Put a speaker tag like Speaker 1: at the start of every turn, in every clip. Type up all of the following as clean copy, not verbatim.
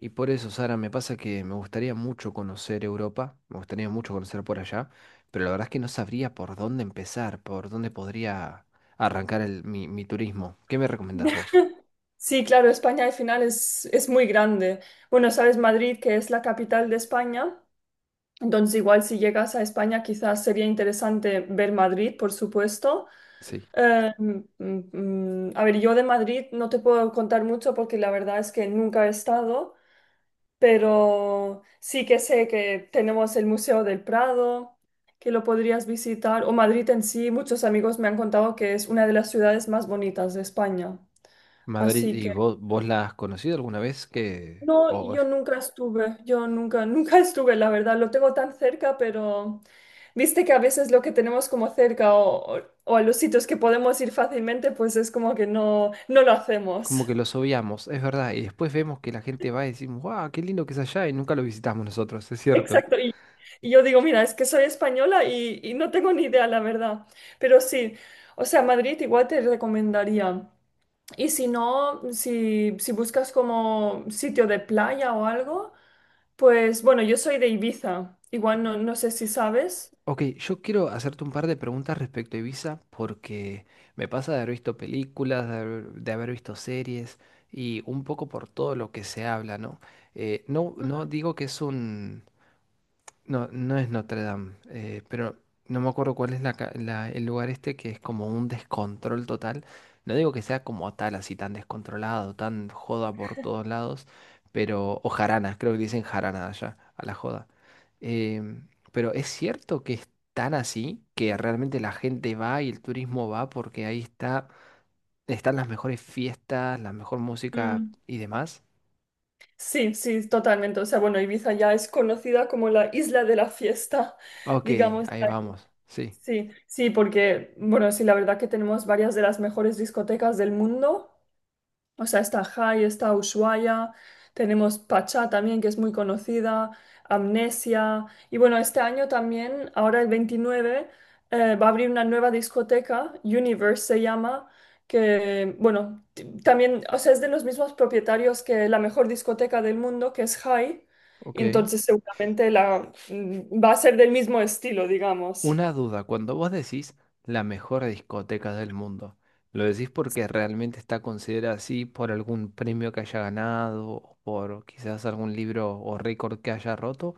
Speaker 1: Y por eso, Sara, me pasa que me gustaría mucho conocer Europa, me gustaría mucho conocer por allá, pero la verdad es que no sabría por dónde empezar, por dónde podría arrancar mi turismo. ¿Qué me recomendás vos?
Speaker 2: Sí, claro, España al final es muy grande. Bueno, sabes, Madrid, que es la capital de España, entonces igual si llegas a España quizás sería interesante ver Madrid, por supuesto.
Speaker 1: Sí.
Speaker 2: Eh, mm, a ver, yo de Madrid no te puedo contar mucho porque la verdad es que nunca he estado, pero sí que sé que tenemos el Museo del Prado, que lo podrías visitar, o Madrid en sí, muchos amigos me han contado que es una de las ciudades más bonitas de España.
Speaker 1: Madrid,
Speaker 2: Así que...
Speaker 1: ¿y vos la has conocido alguna vez? Que,
Speaker 2: No,
Speaker 1: o es
Speaker 2: yo nunca estuve, yo nunca, nunca estuve, la verdad, lo tengo tan cerca, pero viste que a veces lo que tenemos como cerca o a los sitios que podemos ir fácilmente, pues es como que no lo hacemos.
Speaker 1: como que los obviamos, es verdad, y después vemos que la gente va y decimos, ¡guau, qué lindo que es allá! Y nunca lo visitamos nosotros, es cierto.
Speaker 2: Exacto, y yo digo, mira, es que soy española y no tengo ni idea, la verdad, pero sí, o sea, Madrid igual te recomendaría. Y si no, si buscas como sitio de playa o algo, pues bueno, yo soy de Ibiza, igual no sé si sabes.
Speaker 1: Ok, yo quiero hacerte un par de preguntas respecto a Ibiza porque me pasa de haber visto películas, de haber visto series y un poco por todo lo que se habla, ¿no? No, no digo que es un... No, no es Notre Dame, pero no me acuerdo cuál es el lugar este que es como un descontrol total. No digo que sea como tal, así tan descontrolado, tan joda por todos lados, pero... O jarana, creo que dicen jarana allá, a la joda. Pero es cierto que es tan así, que realmente la gente va y el turismo va porque ahí está, están las mejores fiestas, la mejor música
Speaker 2: Mm.
Speaker 1: y demás.
Speaker 2: Sí, sí, totalmente. O sea, bueno, Ibiza ya es conocida como la isla de la fiesta,
Speaker 1: Ok,
Speaker 2: digamos.
Speaker 1: ahí vamos. Sí,
Speaker 2: Sí, sí, porque, bueno, sí, la verdad que tenemos varias de las mejores discotecas del mundo. O sea, está Jai, está Ushuaia, tenemos Pachá también, que es muy conocida, Amnesia. Y bueno, este año también, ahora el 29 va a abrir una nueva discoteca, Universe se llama, que, bueno, también, o sea, es de los mismos propietarios que la mejor discoteca del mundo, que es Jai. Y
Speaker 1: ok.
Speaker 2: entonces seguramente va a ser del mismo estilo, digamos.
Speaker 1: Una duda, cuando vos decís la mejor discoteca del mundo, ¿lo decís porque realmente está considerada así por algún premio que haya ganado o por quizás algún libro o récord que haya roto?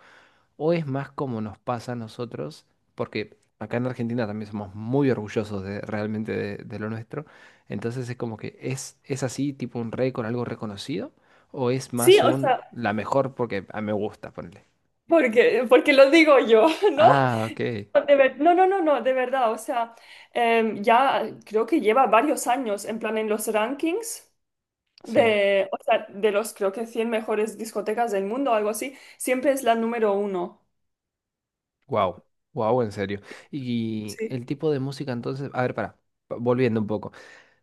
Speaker 1: ¿O es más como nos pasa a nosotros? Porque acá en Argentina también somos muy orgullosos de, realmente de lo nuestro. Entonces es como que es así, tipo un récord, algo reconocido. ¿O es
Speaker 2: Sí,
Speaker 1: más
Speaker 2: o
Speaker 1: un
Speaker 2: sea,
Speaker 1: la mejor porque a mí me gusta, ponerle?
Speaker 2: porque lo digo yo, ¿no?
Speaker 1: Ah, ok.
Speaker 2: De ver- no, no, no, no, de verdad, o sea, ya creo que lleva varios años en plan en los rankings
Speaker 1: Sí.
Speaker 2: de, o sea, de los creo que 100 mejores discotecas del mundo o algo así, siempre es la número uno.
Speaker 1: Wow. Wow, en serio. Y
Speaker 2: Sí.
Speaker 1: el tipo de música entonces, a ver, volviendo un poco.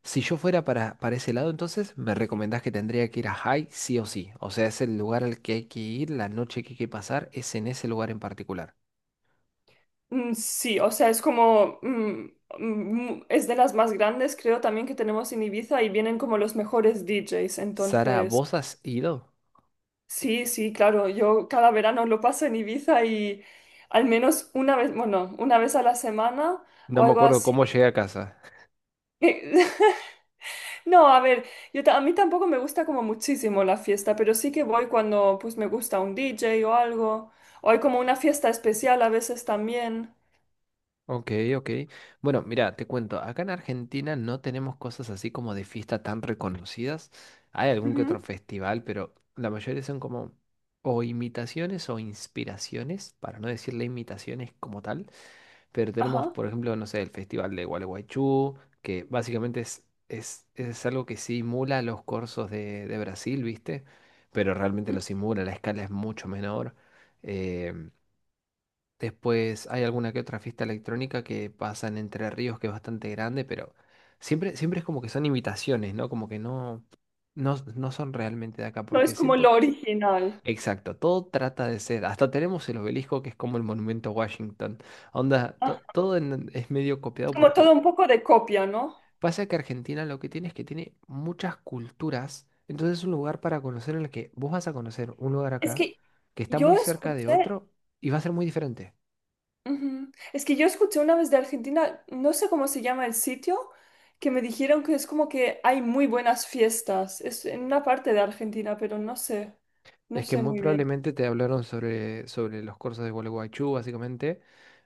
Speaker 1: Si yo fuera para ese lado, entonces me recomendás que tendría que ir a High sí o sí. O sea, es el lugar al que hay que ir, la noche que hay que pasar, es en ese lugar en particular.
Speaker 2: Sí, o sea, es como es de las más grandes creo también que tenemos en Ibiza y vienen como los mejores DJs,
Speaker 1: Sara,
Speaker 2: entonces,
Speaker 1: ¿vos has ido?
Speaker 2: sí, sí, claro, yo cada verano lo paso en Ibiza y al menos una vez, bueno, una vez a la semana
Speaker 1: No
Speaker 2: o
Speaker 1: me
Speaker 2: algo
Speaker 1: acuerdo
Speaker 2: así.
Speaker 1: cómo llegué a casa.
Speaker 2: No, a ver, a mí tampoco me gusta como muchísimo la fiesta, pero sí que voy cuando pues me gusta un DJ o algo, o hay como una fiesta especial a veces también.
Speaker 1: Ok, ok. Bueno, mira, te cuento, acá en Argentina no tenemos cosas así como de fiesta tan reconocidas. Hay algún que otro
Speaker 2: Ujú.
Speaker 1: festival, pero la mayoría son como o imitaciones o inspiraciones, para no decirle imitaciones como tal. Pero tenemos,
Speaker 2: Ajá.
Speaker 1: por ejemplo, no sé, el Festival de Gualeguaychú, que básicamente es algo que simula los corsos de Brasil, ¿viste? Pero realmente
Speaker 2: Ujú.
Speaker 1: lo simula, la escala es mucho menor. Em, Después hay alguna que otra fiesta electrónica que pasa en Entre Ríos, que es bastante grande, pero siempre es como que son imitaciones, ¿no? Como que no son realmente de acá,
Speaker 2: No es
Speaker 1: porque
Speaker 2: como
Speaker 1: siento...
Speaker 2: lo original.
Speaker 1: Exacto, todo trata de ser. Hasta tenemos el obelisco que es como el monumento a Washington. Onda, to-
Speaker 2: Ah,
Speaker 1: todo en- es medio
Speaker 2: es
Speaker 1: copiado
Speaker 2: como
Speaker 1: porque
Speaker 2: todo un poco de copia, ¿no?
Speaker 1: pasa que Argentina lo que tiene es que tiene muchas culturas. Entonces es un lugar para conocer en el que vos vas a conocer un lugar
Speaker 2: Es
Speaker 1: acá
Speaker 2: que
Speaker 1: que está muy
Speaker 2: yo
Speaker 1: cerca de
Speaker 2: escuché,
Speaker 1: otro y va a ser muy diferente.
Speaker 2: Ujú. Es que yo escuché una vez de Argentina, no sé cómo se llama el sitio, que me dijeron que es como que hay muy buenas fiestas. Es en una parte de Argentina, pero no sé, no
Speaker 1: Es que
Speaker 2: sé
Speaker 1: muy
Speaker 2: muy bien.
Speaker 1: probablemente te hablaron sobre los cursos de Gualeguaychú, básicamente,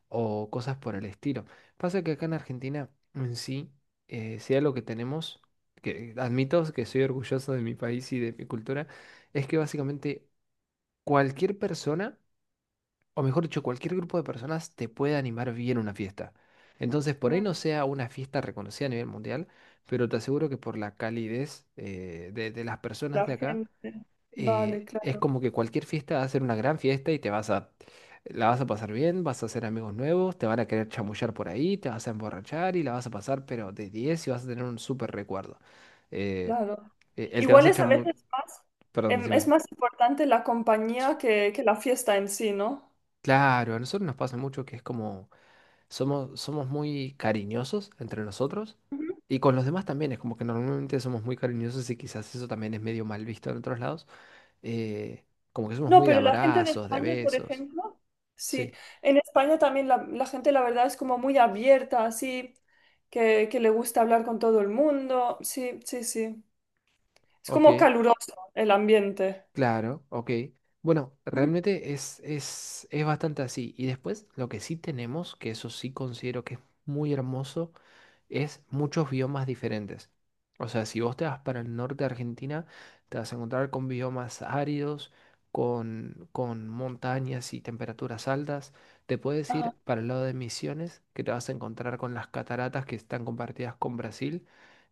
Speaker 1: o cosas por el estilo. Pasa que acá en Argentina en sí, sea lo que tenemos, que admito que soy orgulloso de mi país y de mi cultura, es que básicamente cualquier persona, o mejor dicho, cualquier grupo de personas te puede animar bien una fiesta. Entonces, por ahí
Speaker 2: Mm.
Speaker 1: no sea una fiesta reconocida a nivel mundial, pero te aseguro que por la calidez de las personas
Speaker 2: La
Speaker 1: de acá,
Speaker 2: gente. Vale,
Speaker 1: es
Speaker 2: claro,
Speaker 1: como que cualquier fiesta va a ser una gran fiesta y te vas a, la vas a pasar bien, vas a hacer amigos nuevos, te van a querer chamullar por ahí, te vas a emborrachar y la vas a pasar, pero de 10 y vas a tener un súper recuerdo. Eh,
Speaker 2: claro.
Speaker 1: el te vas
Speaker 2: Igual
Speaker 1: a
Speaker 2: es a
Speaker 1: chamu...
Speaker 2: veces más,
Speaker 1: Perdón,
Speaker 2: es
Speaker 1: decime.
Speaker 2: más importante la compañía que la fiesta en sí, ¿no?
Speaker 1: Claro, a nosotros nos pasa mucho que es como, somos muy cariñosos entre nosotros.
Speaker 2: Ujú.
Speaker 1: Y con los demás también, es como que normalmente somos muy cariñosos y quizás eso también es medio mal visto en otros lados. eh, Como que somos
Speaker 2: No,
Speaker 1: muy de
Speaker 2: pero la gente de
Speaker 1: abrazos, de
Speaker 2: España, por
Speaker 1: besos.
Speaker 2: ejemplo, sí,
Speaker 1: Sí.
Speaker 2: en España también la gente, la verdad, es como muy abierta, así, que le gusta hablar con todo el mundo. Sí, sí, sí. Es
Speaker 1: Ok,
Speaker 2: como caluroso el ambiente.
Speaker 1: claro, ok. Bueno,
Speaker 2: Ujú.
Speaker 1: realmente es bastante así. Y después, lo que sí tenemos, que eso sí considero que es muy hermoso, es muchos biomas diferentes. O sea, si vos te vas para el norte de Argentina, te vas a encontrar con biomas áridos, con montañas y temperaturas altas. Te puedes
Speaker 2: Ajá.
Speaker 1: ir para el lado de Misiones, que te vas a encontrar con las cataratas que están compartidas con Brasil.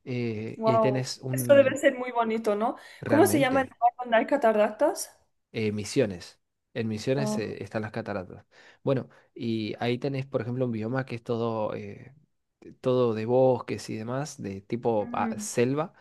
Speaker 1: Y ahí
Speaker 2: Wow.
Speaker 1: tenés
Speaker 2: Esto debe
Speaker 1: un...
Speaker 2: ser muy bonito, ¿no? ¿Cómo se llama el
Speaker 1: Realmente.
Speaker 2: lugar donde hay cataratas?
Speaker 1: Misiones. En Misiones están las cataratas. Bueno, y ahí tenés, por ejemplo, un bioma que es todo, todo de bosques y demás, de tipo ah,
Speaker 2: Ah.
Speaker 1: selva.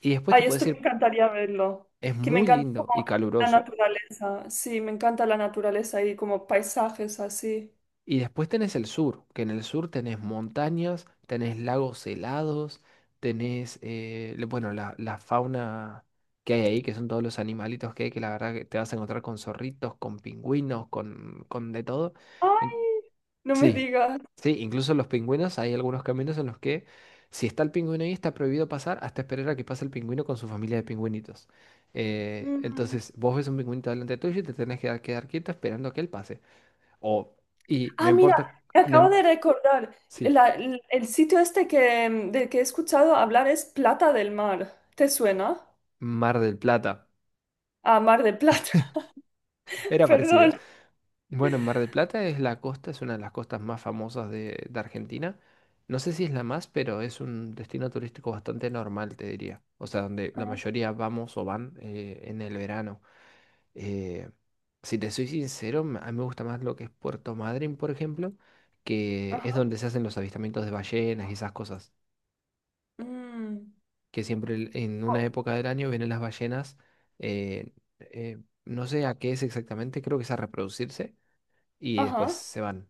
Speaker 1: Y después te
Speaker 2: Ay,
Speaker 1: puedo
Speaker 2: esto me
Speaker 1: decir,
Speaker 2: encantaría verlo.
Speaker 1: es
Speaker 2: Que me
Speaker 1: muy
Speaker 2: encanta
Speaker 1: lindo
Speaker 2: como
Speaker 1: y
Speaker 2: la
Speaker 1: caluroso.
Speaker 2: naturaleza. Sí, me encanta la naturaleza y como paisajes así.
Speaker 1: Y después tenés el sur, que en el sur tenés montañas, tenés lagos helados, tenés, bueno, la fauna que hay ahí, que son todos los animalitos que hay, que la verdad que te vas a encontrar con zorritos, con pingüinos, con de todo.
Speaker 2: Ay, no me
Speaker 1: Sí,
Speaker 2: digas.
Speaker 1: sí, incluso los pingüinos, hay algunos caminos en los que si está el pingüino ahí está prohibido pasar hasta esperar a que pase el pingüino con su familia de pingüinitos.
Speaker 2: Mm.
Speaker 1: Entonces vos ves un pingüinito delante tuyo y te tenés que quedar quieto esperando a que él pase. O, y no
Speaker 2: Ah, mira,
Speaker 1: importa,
Speaker 2: me
Speaker 1: no,
Speaker 2: acabo
Speaker 1: im-
Speaker 2: de recordar.
Speaker 1: sí,
Speaker 2: El sitio este que, del que he escuchado hablar es Plata del Mar. ¿Te suena?
Speaker 1: Mar del Plata,
Speaker 2: Ah, Mar de Plata.
Speaker 1: era parecido.
Speaker 2: Perdón.
Speaker 1: Bueno, Mar del Plata es la costa, es una de las costas más famosas de Argentina. No sé si es la más, pero es un destino turístico bastante normal, te diría. O sea, donde la
Speaker 2: Ah.
Speaker 1: mayoría vamos o van en el verano. Eh, si te soy sincero, a mí me gusta más lo que es Puerto Madryn, por ejemplo, que
Speaker 2: Ajá.
Speaker 1: es donde se hacen los avistamientos de ballenas y esas cosas.
Speaker 2: Mm.
Speaker 1: Que siempre en una
Speaker 2: Oh.
Speaker 1: época del año vienen las ballenas. eh, eh, no sé a qué es exactamente, creo que es a reproducirse y después
Speaker 2: Ajá.
Speaker 1: se van.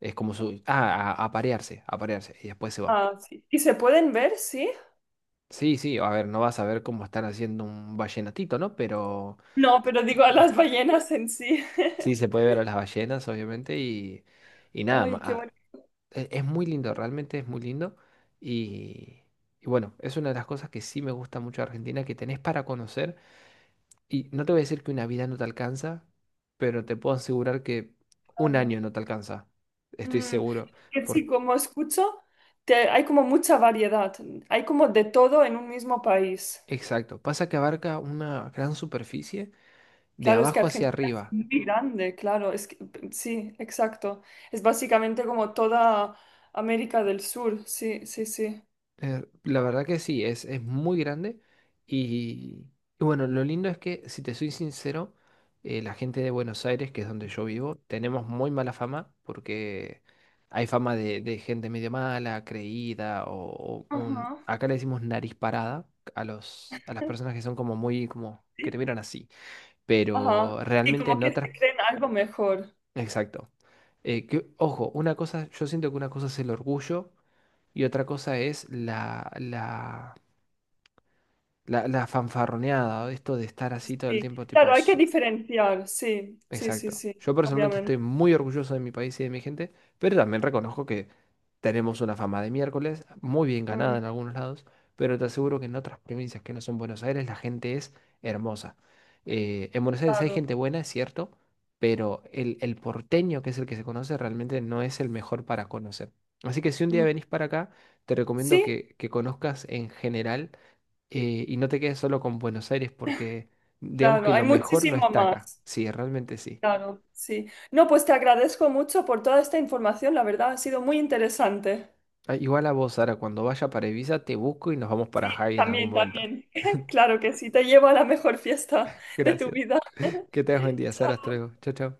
Speaker 1: Es como su... Ah, a parearse, a parearse. Y después se van.
Speaker 2: Ah, sí. ¿Y se pueden ver? Sí.
Speaker 1: Sí, sí, a ver, no vas a ver cómo están haciendo un ballenatito, ¿no? Pero
Speaker 2: No, pero digo a las ballenas en sí.
Speaker 1: sí se puede ver a las ballenas, obviamente, y nada más.
Speaker 2: Ay, qué
Speaker 1: Ah, es muy lindo, realmente es muy lindo. Y, y bueno, es una de las cosas que sí me gusta mucho de Argentina, que tenés para conocer. Y no te voy a decir que una vida no te alcanza, pero te puedo asegurar que un año
Speaker 2: bonito.
Speaker 1: no te alcanza. Estoy
Speaker 2: Mm,
Speaker 1: seguro.
Speaker 2: que
Speaker 1: Por...
Speaker 2: sí, como escucho, hay como mucha variedad, hay como de todo en un mismo país.
Speaker 1: Exacto. Pasa que abarca una gran superficie de
Speaker 2: Claro, es que
Speaker 1: abajo hacia
Speaker 2: Argentina es
Speaker 1: arriba.
Speaker 2: muy grande, claro, es que- sí, exacto. Es básicamente como toda América del Sur, sí, sí, sí.
Speaker 1: La verdad que sí, es muy grande. Y, y bueno, lo lindo es que, si te soy sincero, la gente de Buenos Aires, que es donde yo vivo, tenemos muy mala fama porque hay fama de gente medio mala, creída, o
Speaker 2: Ajá,
Speaker 1: acá le decimos nariz parada a a las personas que son como muy, como que te
Speaker 2: sí,
Speaker 1: miran así.
Speaker 2: ajá.
Speaker 1: Pero
Speaker 2: Sí,
Speaker 1: realmente
Speaker 2: como
Speaker 1: en
Speaker 2: que
Speaker 1: otras...
Speaker 2: se creen algo mejor,
Speaker 1: Exacto. Que, ojo, una cosa, yo siento que una cosa es el orgullo y otra cosa es la fanfarroneada, ¿no? Esto de estar así todo el
Speaker 2: sí.
Speaker 1: tiempo, tipo,
Speaker 2: Claro, hay que
Speaker 1: "S-.
Speaker 2: diferenciar, sí, sí, sí,
Speaker 1: Exacto.
Speaker 2: sí,
Speaker 1: Yo personalmente estoy
Speaker 2: obviamente.
Speaker 1: muy orgulloso de mi país y de mi gente, pero también reconozco que tenemos una fama de miércoles, muy bien
Speaker 2: Mm,
Speaker 1: ganada en algunos lados, pero te aseguro que en otras provincias que no son Buenos Aires la gente es hermosa. En Buenos Aires hay
Speaker 2: claro.
Speaker 1: gente buena, es cierto, pero el porteño, que es el que se conoce, realmente no es el mejor para conocer. Así que si un día
Speaker 2: Mm.
Speaker 1: venís para acá, te recomiendo
Speaker 2: Sí,
Speaker 1: que conozcas en general y no te quedes solo con Buenos Aires porque digamos que
Speaker 2: claro, hay
Speaker 1: lo mejor no
Speaker 2: muchísimo
Speaker 1: está acá.
Speaker 2: más.
Speaker 1: Sí, realmente sí.
Speaker 2: Claro, sí. No, pues te agradezco mucho por toda esta información, la verdad ha sido muy interesante.
Speaker 1: Ah, igual a vos, Sara, cuando vaya para Ibiza te busco y nos vamos
Speaker 2: Sí,
Speaker 1: para Hawaii en algún
Speaker 2: también,
Speaker 1: momento.
Speaker 2: también. Claro que sí, te llevo a la mejor fiesta de tu
Speaker 1: Gracias.
Speaker 2: vida.
Speaker 1: Que tengas buen día, Sara. Hasta luego. Chao, chao.